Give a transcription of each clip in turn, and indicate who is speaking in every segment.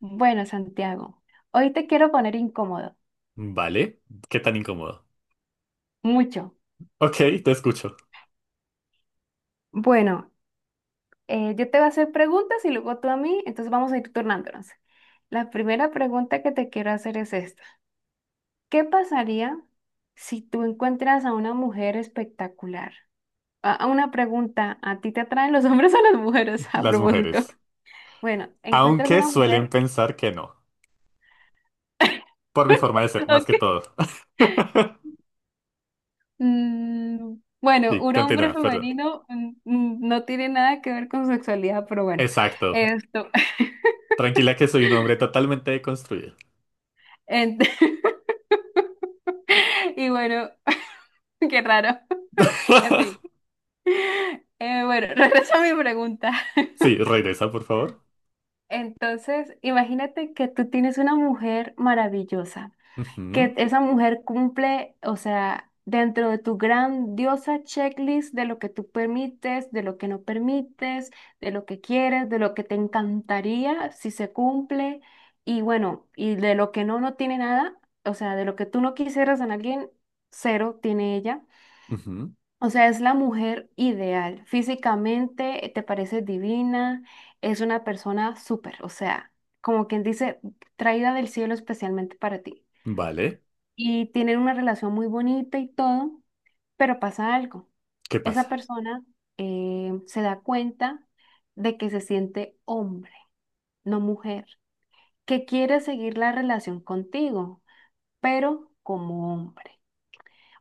Speaker 1: Bueno, Santiago, hoy te quiero poner incómodo,
Speaker 2: Vale, qué tan incómodo.
Speaker 1: mucho.
Speaker 2: Ok, te escucho.
Speaker 1: Bueno, yo te voy a hacer preguntas y luego tú a mí, entonces vamos a ir turnándonos. La primera pregunta que te quiero hacer es esta. ¿Qué pasaría si tú encuentras a una mujer espectacular? A una pregunta, ¿a ti te atraen los hombres o las mujeres? A
Speaker 2: Las
Speaker 1: propósito.
Speaker 2: mujeres.
Speaker 1: Bueno, encuentras
Speaker 2: Aunque
Speaker 1: una
Speaker 2: suelen
Speaker 1: mujer.
Speaker 2: pensar que no. Por mi forma de ser, más
Speaker 1: Ok.
Speaker 2: que todo.
Speaker 1: Mm,
Speaker 2: Sí,
Speaker 1: bueno, un hombre
Speaker 2: continúa, perdón.
Speaker 1: femenino no tiene nada que ver con sexualidad, pero bueno,
Speaker 2: Exacto.
Speaker 1: esto.
Speaker 2: Tranquila que soy un hombre totalmente deconstruido.
Speaker 1: Ent- y bueno, qué raro. En fin, bueno, regreso a mi pregunta.
Speaker 2: Sí, regresa, por favor.
Speaker 1: Entonces, imagínate que tú tienes una mujer maravillosa,
Speaker 2: Ujú,
Speaker 1: que esa mujer cumple, o sea, dentro de tu grandiosa checklist de lo que tú permites, de lo que no permites, de lo que quieres, de lo que te encantaría si se cumple, y bueno, y de lo que no, no tiene nada, o sea, de lo que tú no quisieras en alguien, cero tiene ella.
Speaker 2: ujú.
Speaker 1: O sea, es la mujer ideal. Físicamente te parece divina, es una persona súper, o sea, como quien dice, traída del cielo especialmente para ti.
Speaker 2: Vale,
Speaker 1: Y tienen una relación muy bonita y todo, pero pasa algo.
Speaker 2: ¿qué
Speaker 1: Esa
Speaker 2: pasa?
Speaker 1: persona se da cuenta de que se siente hombre, no mujer, que quiere seguir la relación contigo, pero como hombre.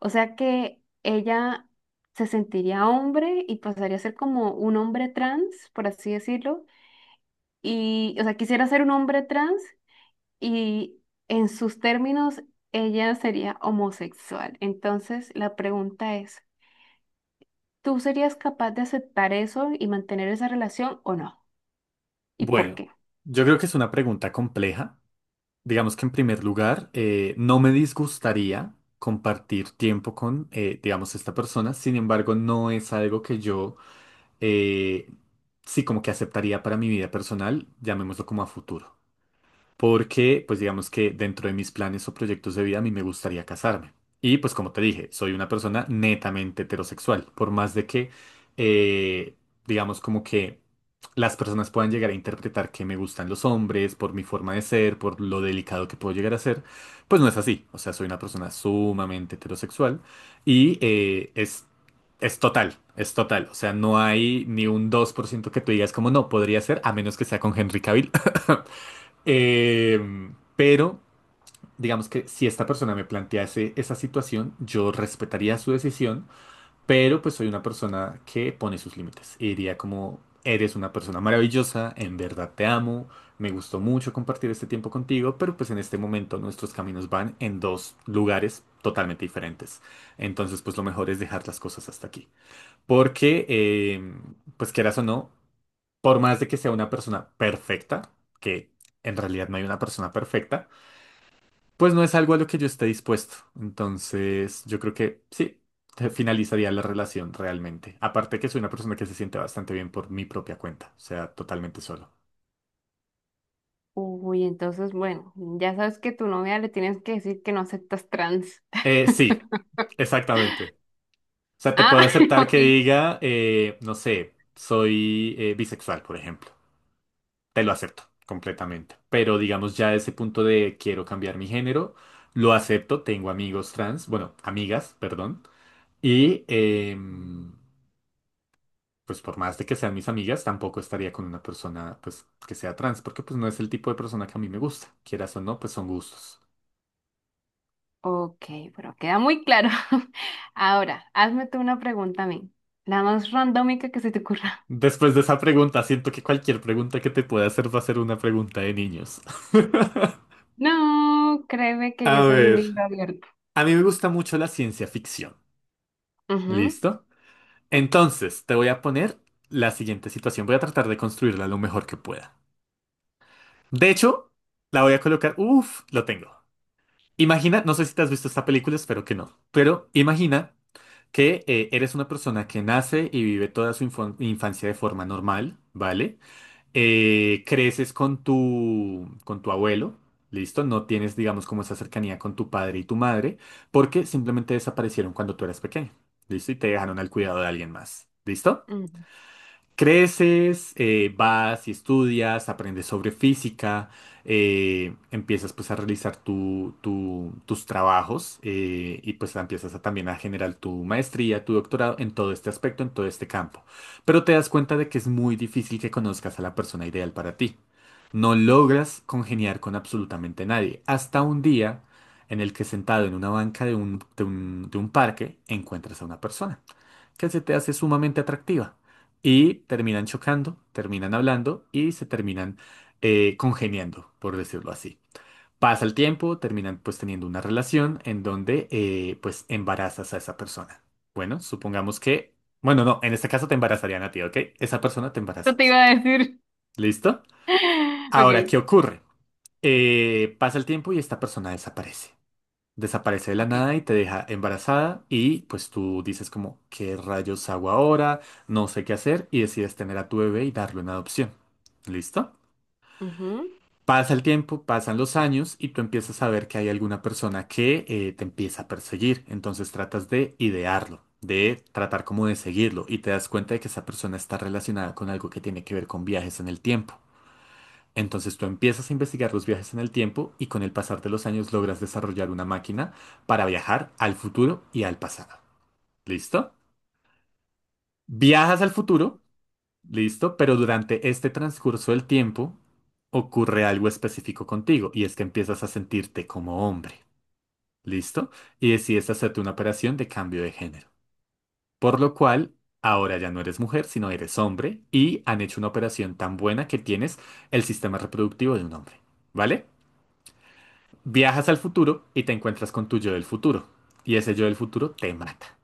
Speaker 1: O sea que ella se sentiría hombre y pasaría a ser como un hombre trans, por así decirlo. Y, o sea, quisiera ser un hombre trans y en sus términos ella sería homosexual. Entonces la pregunta es, ¿tú serías capaz de aceptar eso y mantener esa relación o no? ¿Y por
Speaker 2: Bueno,
Speaker 1: qué?
Speaker 2: yo creo que es una pregunta compleja. Digamos que en primer lugar, no me disgustaría compartir tiempo con, digamos, esta persona. Sin embargo, no es algo que yo, eh, sí, como que aceptaría para mi vida personal, llamémoslo como a futuro porque pues digamos que dentro de mis planes o proyectos de vida a mí me gustaría casarme. Y pues como te dije, soy una persona netamente heterosexual, por más de que eh, digamos como que las personas puedan llegar a interpretar que me gustan los hombres por mi forma de ser, por lo delicado que puedo llegar a ser, pues no es así. O sea, soy una persona sumamente heterosexual y es... Es total, es total. O sea, no hay ni un 2% que tú digas como no, podría ser, a menos que sea con Henry Cavill. Pero digamos que si esta persona me plantease esa situación, yo respetaría su decisión, pero pues soy una persona que pone sus límites. Y diría como, eres una persona maravillosa, en verdad te amo, me gustó mucho compartir este tiempo contigo, pero pues en este momento nuestros caminos van en dos lugares totalmente diferentes. Entonces pues lo mejor es dejar las cosas hasta aquí. Porque, em, pues quieras o no, por más de que sea una persona perfecta, que en realidad no hay una persona perfecta, pues no es algo a lo que yo esté dispuesto. Entonces, yo creo que sí, te finalizaría la relación realmente. Aparte que soy una persona que se siente bastante bien por mi propia cuenta, o sea, totalmente solo.
Speaker 1: Uy, entonces, bueno, ya sabes que a tu novia le tienes que decir que no aceptas trans.
Speaker 2: Sí, exactamente. O sea, te
Speaker 1: Ah,
Speaker 2: puedo aceptar que
Speaker 1: ok.
Speaker 2: diga, no sé, soy bisexual, por ejemplo. Te lo acepto completamente. Pero digamos ya ese punto de quiero cambiar mi género, lo acepto, tengo amigos trans, bueno, amigas, perdón. Y pues por más de que sean mis amigas, tampoco estaría con una persona pues que sea trans, porque pues no es el tipo de persona que a mí me gusta. Quieras o no, pues son gustos.
Speaker 1: Ok, bueno, queda muy claro. Ahora, hazme tú una pregunta a mí, la más randómica que se te ocurra.
Speaker 2: Después de esa pregunta, siento que cualquier pregunta que te pueda hacer va a ser una pregunta de niños.
Speaker 1: No, créeme que yo
Speaker 2: A
Speaker 1: soy un
Speaker 2: ver,
Speaker 1: libro abierto.
Speaker 2: a mí me gusta mucho la ciencia ficción.
Speaker 1: Ujú,
Speaker 2: ¿Listo? Entonces, te voy a poner la siguiente situación. Voy a tratar de construirla lo mejor que pueda. De hecho, la voy a colocar. Uf, lo tengo. Imagina, no sé si te has visto esta película, espero que no, pero imagina que eres una persona que nace y vive toda su infancia de forma normal, ¿vale? Creces con tu abuelo, ¿listo? No tienes, digamos, como esa cercanía con tu padre y tu madre, porque simplemente desaparecieron cuando tú eras pequeño, ¿listo? Y te dejaron al cuidado de alguien más, ¿listo?
Speaker 1: ujú.
Speaker 2: Creces, vas y estudias, aprendes sobre física, empiezas pues a realizar tus trabajos y pues empiezas a, también a generar tu maestría, tu doctorado en todo este aspecto, en todo este campo. Pero te das cuenta de que es muy difícil que conozcas a la persona ideal para ti. No logras congeniar con absolutamente nadie. Hasta un día en el que sentado en una banca de un parque encuentras a una persona que se te hace sumamente atractiva. Y terminan chocando, terminan hablando y se terminan congeniando, por decirlo así. Pasa el tiempo, terminan pues teniendo una relación en donde pues embarazas a esa persona. Bueno, supongamos que, bueno, no, en este caso te embarazarían a ti, ¿ok? Esa persona te embaraza
Speaker 1: Yo
Speaker 2: a
Speaker 1: te
Speaker 2: ti.
Speaker 1: iba a decir.
Speaker 2: ¿Listo? Ahora,
Speaker 1: Ok,
Speaker 2: ¿qué ocurre? Pasa el tiempo y esta persona desaparece de la
Speaker 1: ok.
Speaker 2: nada y te deja embarazada y pues tú dices como, ¿qué rayos hago ahora? No sé qué hacer y decides tener a tu bebé y darlo en adopción. ¿Listo?
Speaker 1: Ujú.
Speaker 2: Pasa el tiempo, pasan los años y tú empiezas a ver que hay alguna persona que te empieza a perseguir. Entonces tratas de idearlo, de tratar como de seguirlo y te das cuenta de que esa persona está relacionada con algo que tiene que ver con viajes en el tiempo. Entonces tú empiezas a investigar los viajes en el tiempo y con el pasar de los años logras desarrollar una máquina para viajar al futuro y al pasado. ¿Listo? Viajas al futuro, listo, pero durante este transcurso del tiempo ocurre algo específico contigo y es que empiezas a sentirte como hombre. ¿Listo? Y decides hacerte una operación de cambio de género. Por lo cual, ahora ya no eres mujer, sino eres hombre y han hecho una operación tan buena que tienes el sistema reproductivo de un hombre. ¿Vale? Viajas al futuro y te encuentras con tu yo del futuro. Y ese yo del futuro te mata.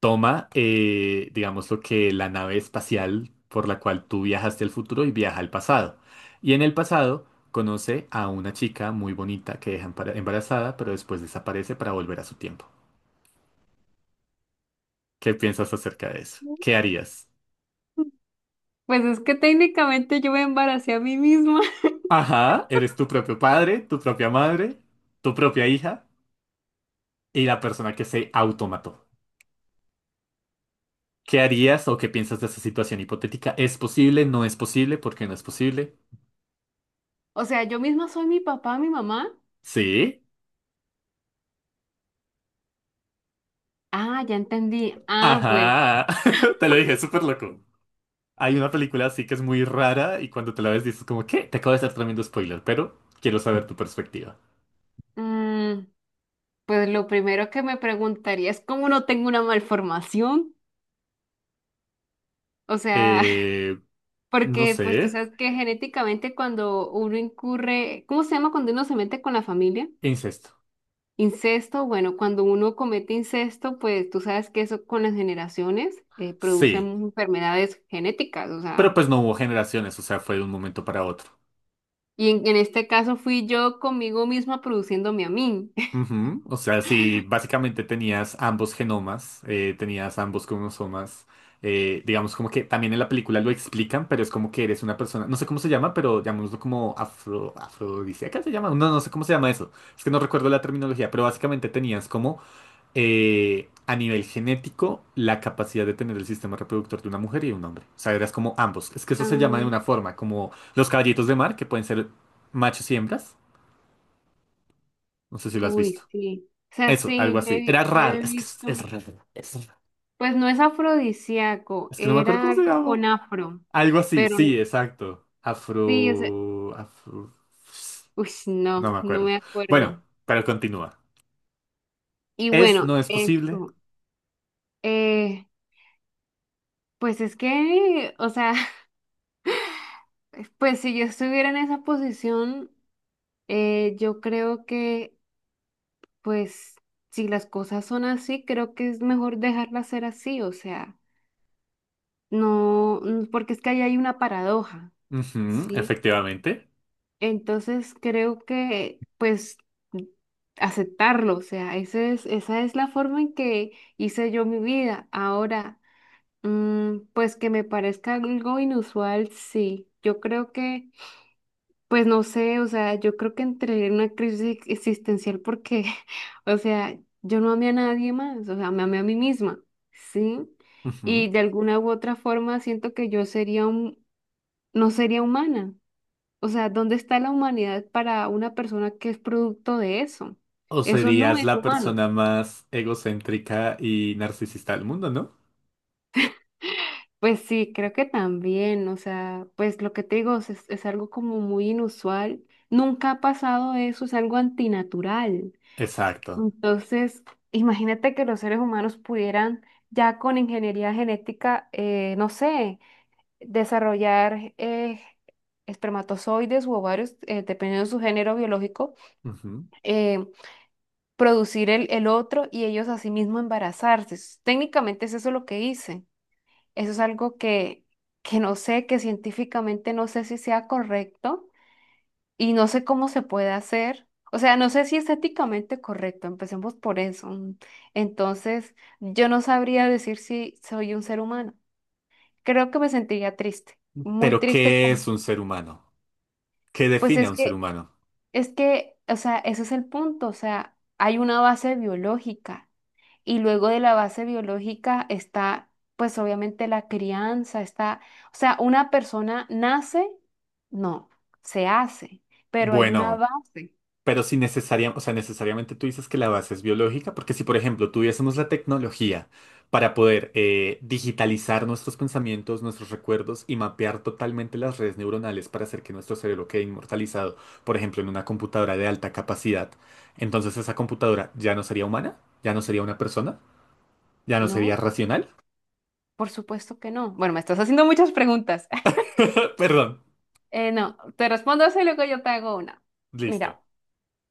Speaker 2: Toma, digamos, lo que la nave espacial por la cual tú viajaste al futuro y viaja al pasado. Y en el pasado conoce a una chica muy bonita que deja embarazada, pero después desaparece para volver a su tiempo. ¿Qué piensas acerca de eso? ¿Qué harías?
Speaker 1: Pues es que técnicamente yo me embaracé a mí misma.
Speaker 2: Ajá, eres tu propio padre, tu propia madre, tu propia hija y la persona que se automató. ¿Qué harías o qué piensas de esa situación hipotética? ¿Es posible? ¿No es posible? ¿Por qué no es posible?
Speaker 1: O sea, yo misma soy mi papá, mi mamá.
Speaker 2: ¿Sí?
Speaker 1: Ah, ya entendí. Ah, pues,
Speaker 2: Ajá. Te lo dije, es súper loco. Hay una película así que es muy rara y cuando te la ves dices como, ¿qué? Te acabo de hacer tremendo spoiler, pero quiero saber tu perspectiva.
Speaker 1: mm, pues lo primero que me preguntaría es cómo no tengo una malformación. O sea,
Speaker 2: Eh, no
Speaker 1: porque pues tú
Speaker 2: sé.
Speaker 1: sabes que genéticamente cuando uno incurre, ¿cómo se llama cuando uno se mete con la familia?
Speaker 2: Incesto.
Speaker 1: Incesto, bueno, cuando uno comete incesto, pues tú sabes que eso con las generaciones produce
Speaker 2: Sí.
Speaker 1: enfermedades genéticas, o sea,
Speaker 2: Pero pues no hubo generaciones, o sea, fue de un momento para otro.
Speaker 1: y en este caso fui yo conmigo misma produciéndome a mí.
Speaker 2: Ujú. O sea, si básicamente tenías ambos genomas, tenías ambos cromosomas, digamos como que también en la película lo explican, pero es como que eres una persona, no sé cómo se llama, pero llamémoslo como afro, afrodisíaca se llama, no, no sé cómo se llama eso, es que no recuerdo la terminología, pero básicamente tenías como a nivel genético la capacidad de tener el sistema reproductor de una mujer y de un hombre, o sea, eras como ambos, es que eso se llama
Speaker 1: Ah,
Speaker 2: de una forma, como los caballitos de mar, que pueden ser machos y hembras, no sé si lo has visto.
Speaker 1: uy, sí. O sea,
Speaker 2: Eso, algo
Speaker 1: sí,
Speaker 2: así. Era
Speaker 1: yo
Speaker 2: raro,
Speaker 1: he
Speaker 2: es que es
Speaker 1: visto.
Speaker 2: raro, es raro.
Speaker 1: Pues no es afrodisíaco,
Speaker 2: Es que no me acuerdo
Speaker 1: era
Speaker 2: cómo se
Speaker 1: algo
Speaker 2: llama.
Speaker 1: con afro,
Speaker 2: Algo así,
Speaker 1: pero no,
Speaker 2: sí, exacto.
Speaker 1: sí, o sea,
Speaker 2: Afro... Afro...
Speaker 1: uy,
Speaker 2: No
Speaker 1: no,
Speaker 2: me
Speaker 1: no
Speaker 2: acuerdo.
Speaker 1: me
Speaker 2: Bueno,
Speaker 1: acuerdo.
Speaker 2: pero continúa.
Speaker 1: Y
Speaker 2: ¿Es,
Speaker 1: bueno,
Speaker 2: no es posible?
Speaker 1: esto, eh, pues es que, o sea, pues si yo estuviera en esa posición, yo creo que, pues, si las cosas son así, creo que es mejor dejarlas ser así, o sea, no, porque es que ahí hay una paradoja,
Speaker 2: Ujú,
Speaker 1: ¿sí?
Speaker 2: efectivamente.
Speaker 1: Entonces creo que, pues, mm, aceptarlo, o sea, esa es la forma en que hice yo mi vida. Ahora pues que me parezca algo inusual, sí. Yo creo que, pues no sé, o sea, yo creo que entré en una crisis existencial porque, o sea, yo no amé a nadie más, o sea, me amé a mí misma, ¿sí?
Speaker 2: Ujú.
Speaker 1: Y de alguna u otra forma siento que yo sería un, no sería humana. O sea, ¿dónde está la humanidad para una persona que es producto de eso?
Speaker 2: O
Speaker 1: Eso no
Speaker 2: serías
Speaker 1: es
Speaker 2: la
Speaker 1: humano.
Speaker 2: persona más egocéntrica y narcisista del mundo, ¿no?
Speaker 1: Pues sí, creo que también, o sea, pues lo que te digo es algo como muy inusual. Nunca ha pasado eso, es algo antinatural.
Speaker 2: Exacto.
Speaker 1: Entonces, imagínate que los seres humanos pudieran ya con ingeniería genética, no sé, desarrollar espermatozoides u ovarios, dependiendo de su género biológico,
Speaker 2: Ujú.
Speaker 1: eh, producir el otro y ellos asimismo embarazarse. Técnicamente es eso lo que hice. Eso es algo que no sé, que científicamente no sé si sea correcto y no sé cómo se puede hacer. O sea, no sé si es éticamente correcto, empecemos por eso. Mm. Entonces, yo no sabría decir si soy un ser humano. Creo que me sentiría triste, muy
Speaker 2: Pero
Speaker 1: triste.
Speaker 2: ¿qué es un ser humano? ¿Qué
Speaker 1: Pues
Speaker 2: define a un ser humano?
Speaker 1: es que, o sea, ese es el punto. O sea, hay una base biológica. Y luego de la base biológica está, pues obviamente la crianza, está, o sea, una persona nace, no, se hace, pero hay una
Speaker 2: Bueno,
Speaker 1: base,
Speaker 2: pero si necesariamente, o sea, necesariamente tú dices que la base es biológica, porque si, por ejemplo, tuviésemos la tecnología para poder digitalizar nuestros pensamientos, nuestros recuerdos y mapear totalmente las redes neuronales para hacer que nuestro cerebro quede inmortalizado, por ejemplo, en una computadora de alta capacidad, entonces esa computadora ya no sería humana, ya no sería una persona, ya no sería
Speaker 1: ¿no?
Speaker 2: racional.
Speaker 1: Por supuesto que no. Bueno, me estás haciendo muchas preguntas.
Speaker 2: Perdón,
Speaker 1: No, te respondo eso y luego yo te hago una.
Speaker 2: listo.
Speaker 1: Mira,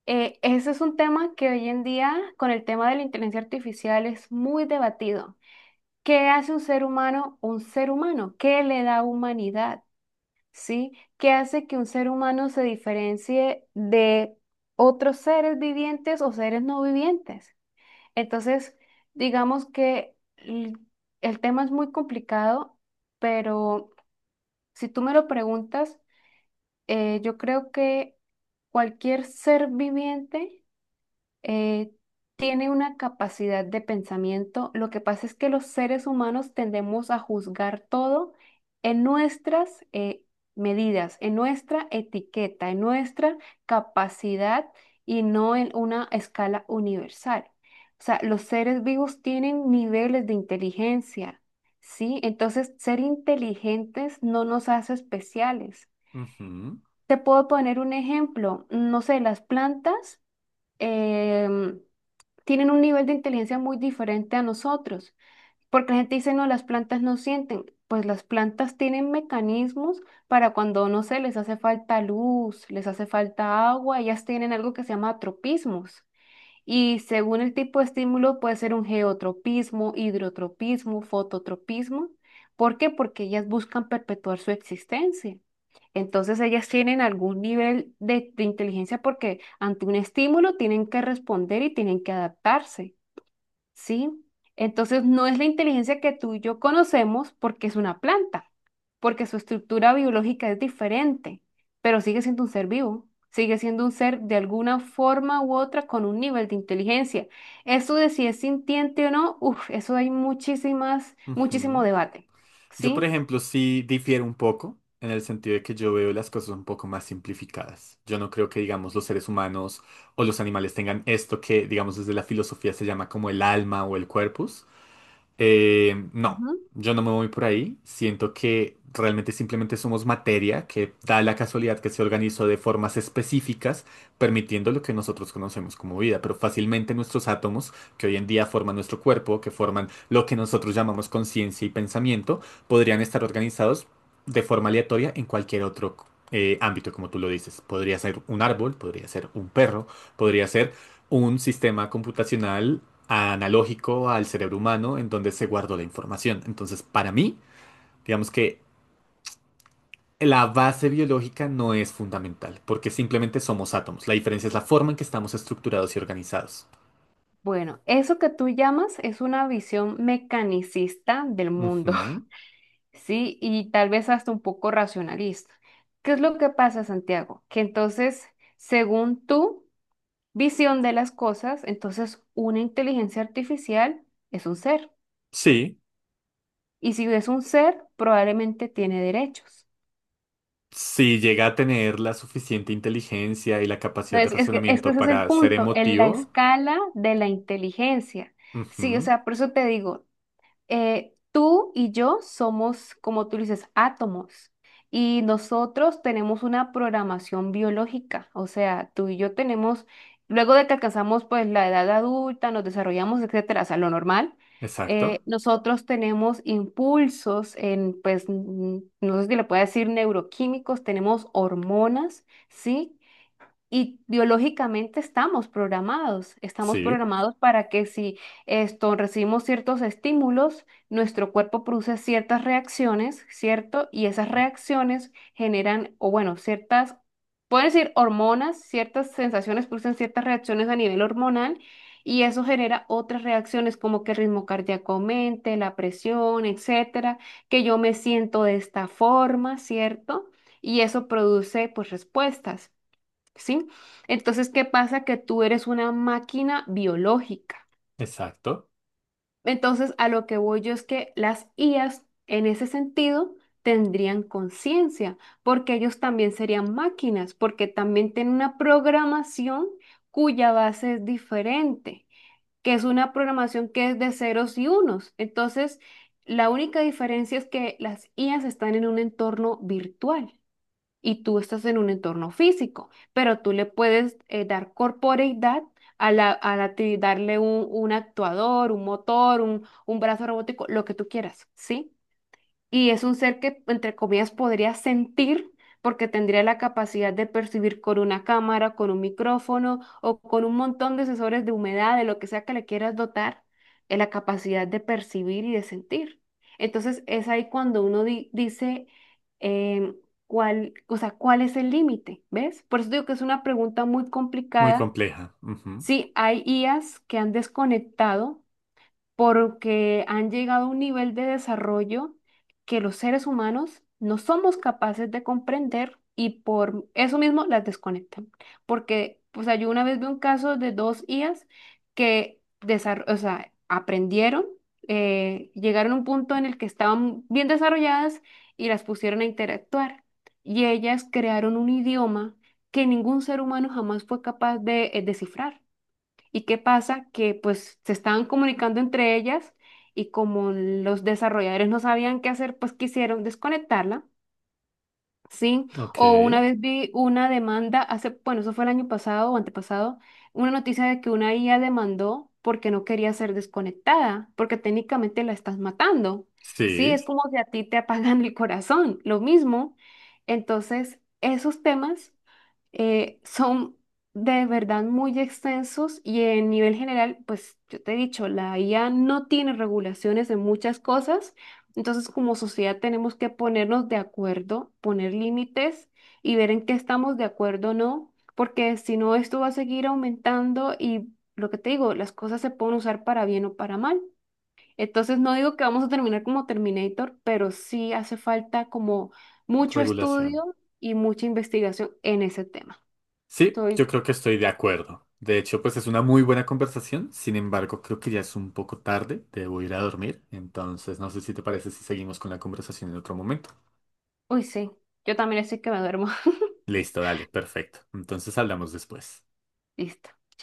Speaker 1: ese es un tema que hoy en día, con el tema de la inteligencia artificial, es muy debatido. ¿Qué hace un ser humano un ser humano? ¿Qué le da humanidad? ¿Sí? ¿Qué hace que un ser humano se diferencie de otros seres vivientes o seres no vivientes? Entonces, digamos que el tema es muy complicado, pero si tú me lo preguntas, yo creo que cualquier ser viviente eh, tiene una capacidad de pensamiento. Lo que pasa es que los seres humanos tendemos a juzgar todo en nuestras medidas, en nuestra etiqueta, en nuestra capacidad y no en una escala universal. O sea, los seres vivos tienen niveles de inteligencia, ¿sí? Entonces, ser inteligentes no nos hace especiales.
Speaker 2: Ujú,
Speaker 1: Te puedo poner un ejemplo, no sé, las plantas. em, Tienen un nivel de inteligencia muy diferente a nosotros, porque la gente dice, no, las plantas no sienten. Pues las plantas tienen mecanismos para cuando, no sé, les hace falta luz, les hace falta agua, ellas tienen algo que se llama tropismos. Y según el tipo de estímulo puede ser un geotropismo, hidrotropismo, fototropismo. ¿Por qué? Porque ellas buscan perpetuar su existencia. Entonces ellas tienen algún nivel de inteligencia porque ante un estímulo tienen que responder y tienen que adaptarse. ¿Sí? Entonces no es la inteligencia que tú y yo conocemos porque es una planta, porque su estructura biológica es diferente, pero sigue siendo un ser vivo, sigue siendo un ser de alguna forma u otra con un nivel de inteligencia. Eso de si es sintiente o no, uf, eso hay muchísimas, muchísimo
Speaker 2: ujú.
Speaker 1: debate,
Speaker 2: Yo, por
Speaker 1: ¿sí?
Speaker 2: ejemplo, sí difiero un poco en el sentido de que yo veo las cosas un poco más simplificadas. Yo no creo que, digamos, los seres humanos o los animales tengan esto que, digamos, desde la filosofía se llama como el alma o el corpus, no,
Speaker 1: Ujú.
Speaker 2: yo no me voy por ahí. Siento que realmente simplemente somos materia que da la casualidad que se organizó de formas específicas, permitiendo lo que nosotros conocemos como vida. Pero fácilmente nuestros átomos, que hoy en día forman nuestro cuerpo, que forman lo que nosotros llamamos conciencia y pensamiento, podrían estar organizados de forma aleatoria en cualquier otro ámbito, como tú lo dices. Podría ser un árbol, podría ser un perro, podría ser un sistema computacional analógico al cerebro humano en donde se guardó la información. Entonces, para mí, digamos que la base biológica no es fundamental, porque simplemente somos átomos. La diferencia es la forma en que estamos estructurados y organizados.
Speaker 1: Bueno, eso que tú llamas es una visión mecanicista del mundo.
Speaker 2: Ujú.
Speaker 1: Sí, y tal vez hasta un poco racionalista. ¿Qué es lo que pasa, Santiago? Que entonces, según tu visión de las cosas, entonces una inteligencia artificial es un ser.
Speaker 2: Sí,
Speaker 1: Y si es un ser, probablemente tiene derechos.
Speaker 2: si llega a tener la suficiente inteligencia y la
Speaker 1: No,
Speaker 2: capacidad de
Speaker 1: es que
Speaker 2: razonamiento
Speaker 1: ese es el
Speaker 2: para ser
Speaker 1: punto, en la
Speaker 2: emotivo.
Speaker 1: escala de la inteligencia. Sí, o
Speaker 2: Ujú.
Speaker 1: sea, por eso te digo, tú y yo somos, como tú dices, átomos y nosotros tenemos una programación biológica, o sea, tú y yo tenemos, luego de que alcanzamos pues la edad adulta, nos desarrollamos, etcétera, o sea, lo normal,
Speaker 2: Exacto.
Speaker 1: nosotros tenemos impulsos en, pues, no sé si le puedo decir neuroquímicos, tenemos hormonas, ¿sí? Y biológicamente estamos
Speaker 2: Sí,
Speaker 1: programados para que si esto recibimos ciertos estímulos, nuestro cuerpo produce ciertas reacciones, ¿cierto? Y esas reacciones generan, o bueno, ciertas, pueden decir hormonas, ciertas sensaciones producen ciertas reacciones a nivel hormonal y eso genera otras reacciones como que el ritmo cardíaco aumente, la presión, etcétera, que yo me siento de esta forma, ¿cierto? Y eso produce pues respuestas. ¿Sí? Entonces, ¿qué pasa? Que tú eres una máquina biológica.
Speaker 2: exacto.
Speaker 1: Entonces, a lo que voy yo es que las IAs, en ese sentido, tendrían conciencia, porque ellos también serían máquinas, porque también tienen una programación cuya base es diferente, que es una programación que es de ceros y unos. Entonces, la única diferencia es que las IAs están en un entorno virtual y tú estás en un entorno físico, pero tú le puedes dar corporeidad a a la actividad, darle un actuador, un motor, un brazo robótico, lo que tú quieras, ¿sí? Y es un ser que, entre comillas, podría sentir porque tendría la capacidad de percibir con una cámara, con un micrófono o con un montón de sensores de humedad, de lo que sea que le quieras dotar, la capacidad de percibir y de sentir. Entonces es ahí cuando uno dice, em, ¿cuál, o sea, cuál es el límite? ¿Ves? Por eso digo que es una pregunta muy
Speaker 2: Muy
Speaker 1: complicada.
Speaker 2: compleja. Ujú.
Speaker 1: Sí, hay IAs que han desconectado porque han llegado a un nivel de desarrollo que los seres humanos no somos capaces de comprender y por eso mismo las desconectan. Porque, o sea, yo una vez vi un caso de dos IAs o sea, aprendieron, llegaron a un punto en el que estaban bien desarrolladas y las pusieron a interactuar. Y ellas crearon un idioma que ningún ser humano jamás fue capaz de descifrar. ¿Y qué pasa? Que pues se estaban comunicando entre ellas y como los desarrolladores no sabían qué hacer, pues quisieron desconectarla, ¿sí?
Speaker 2: Ok.
Speaker 1: O una vez vi una demanda hace, bueno, eso fue el año pasado o antepasado, una noticia de que una IA demandó porque no quería ser desconectada, porque técnicamente la estás matando, ¿sí? Es
Speaker 2: Sí,
Speaker 1: como si a ti te apagan el corazón, lo mismo. Entonces, esos temas son de verdad muy extensos y en nivel general, pues yo te he dicho, la IA no tiene regulaciones en muchas cosas, entonces como sociedad tenemos que ponernos de acuerdo, poner límites y ver en qué estamos de acuerdo o no, porque si no, esto va a seguir aumentando y lo que te digo, las cosas se pueden usar para bien o para mal. Entonces no digo que vamos a terminar como Terminator, pero sí hace falta como mucho
Speaker 2: regulación.
Speaker 1: estudio y mucha investigación en ese tema.
Speaker 2: Sí, yo
Speaker 1: Estoy,
Speaker 2: creo que estoy de acuerdo. De hecho, pues es una muy buena conversación. Sin embargo, creo que ya es un poco tarde. Debo ir a dormir. Entonces, no sé si te parece si seguimos con la conversación en otro momento.
Speaker 1: uy, sí, yo también estoy que me duermo.
Speaker 2: Listo, dale, perfecto. Entonces hablamos después.
Speaker 1: Listo.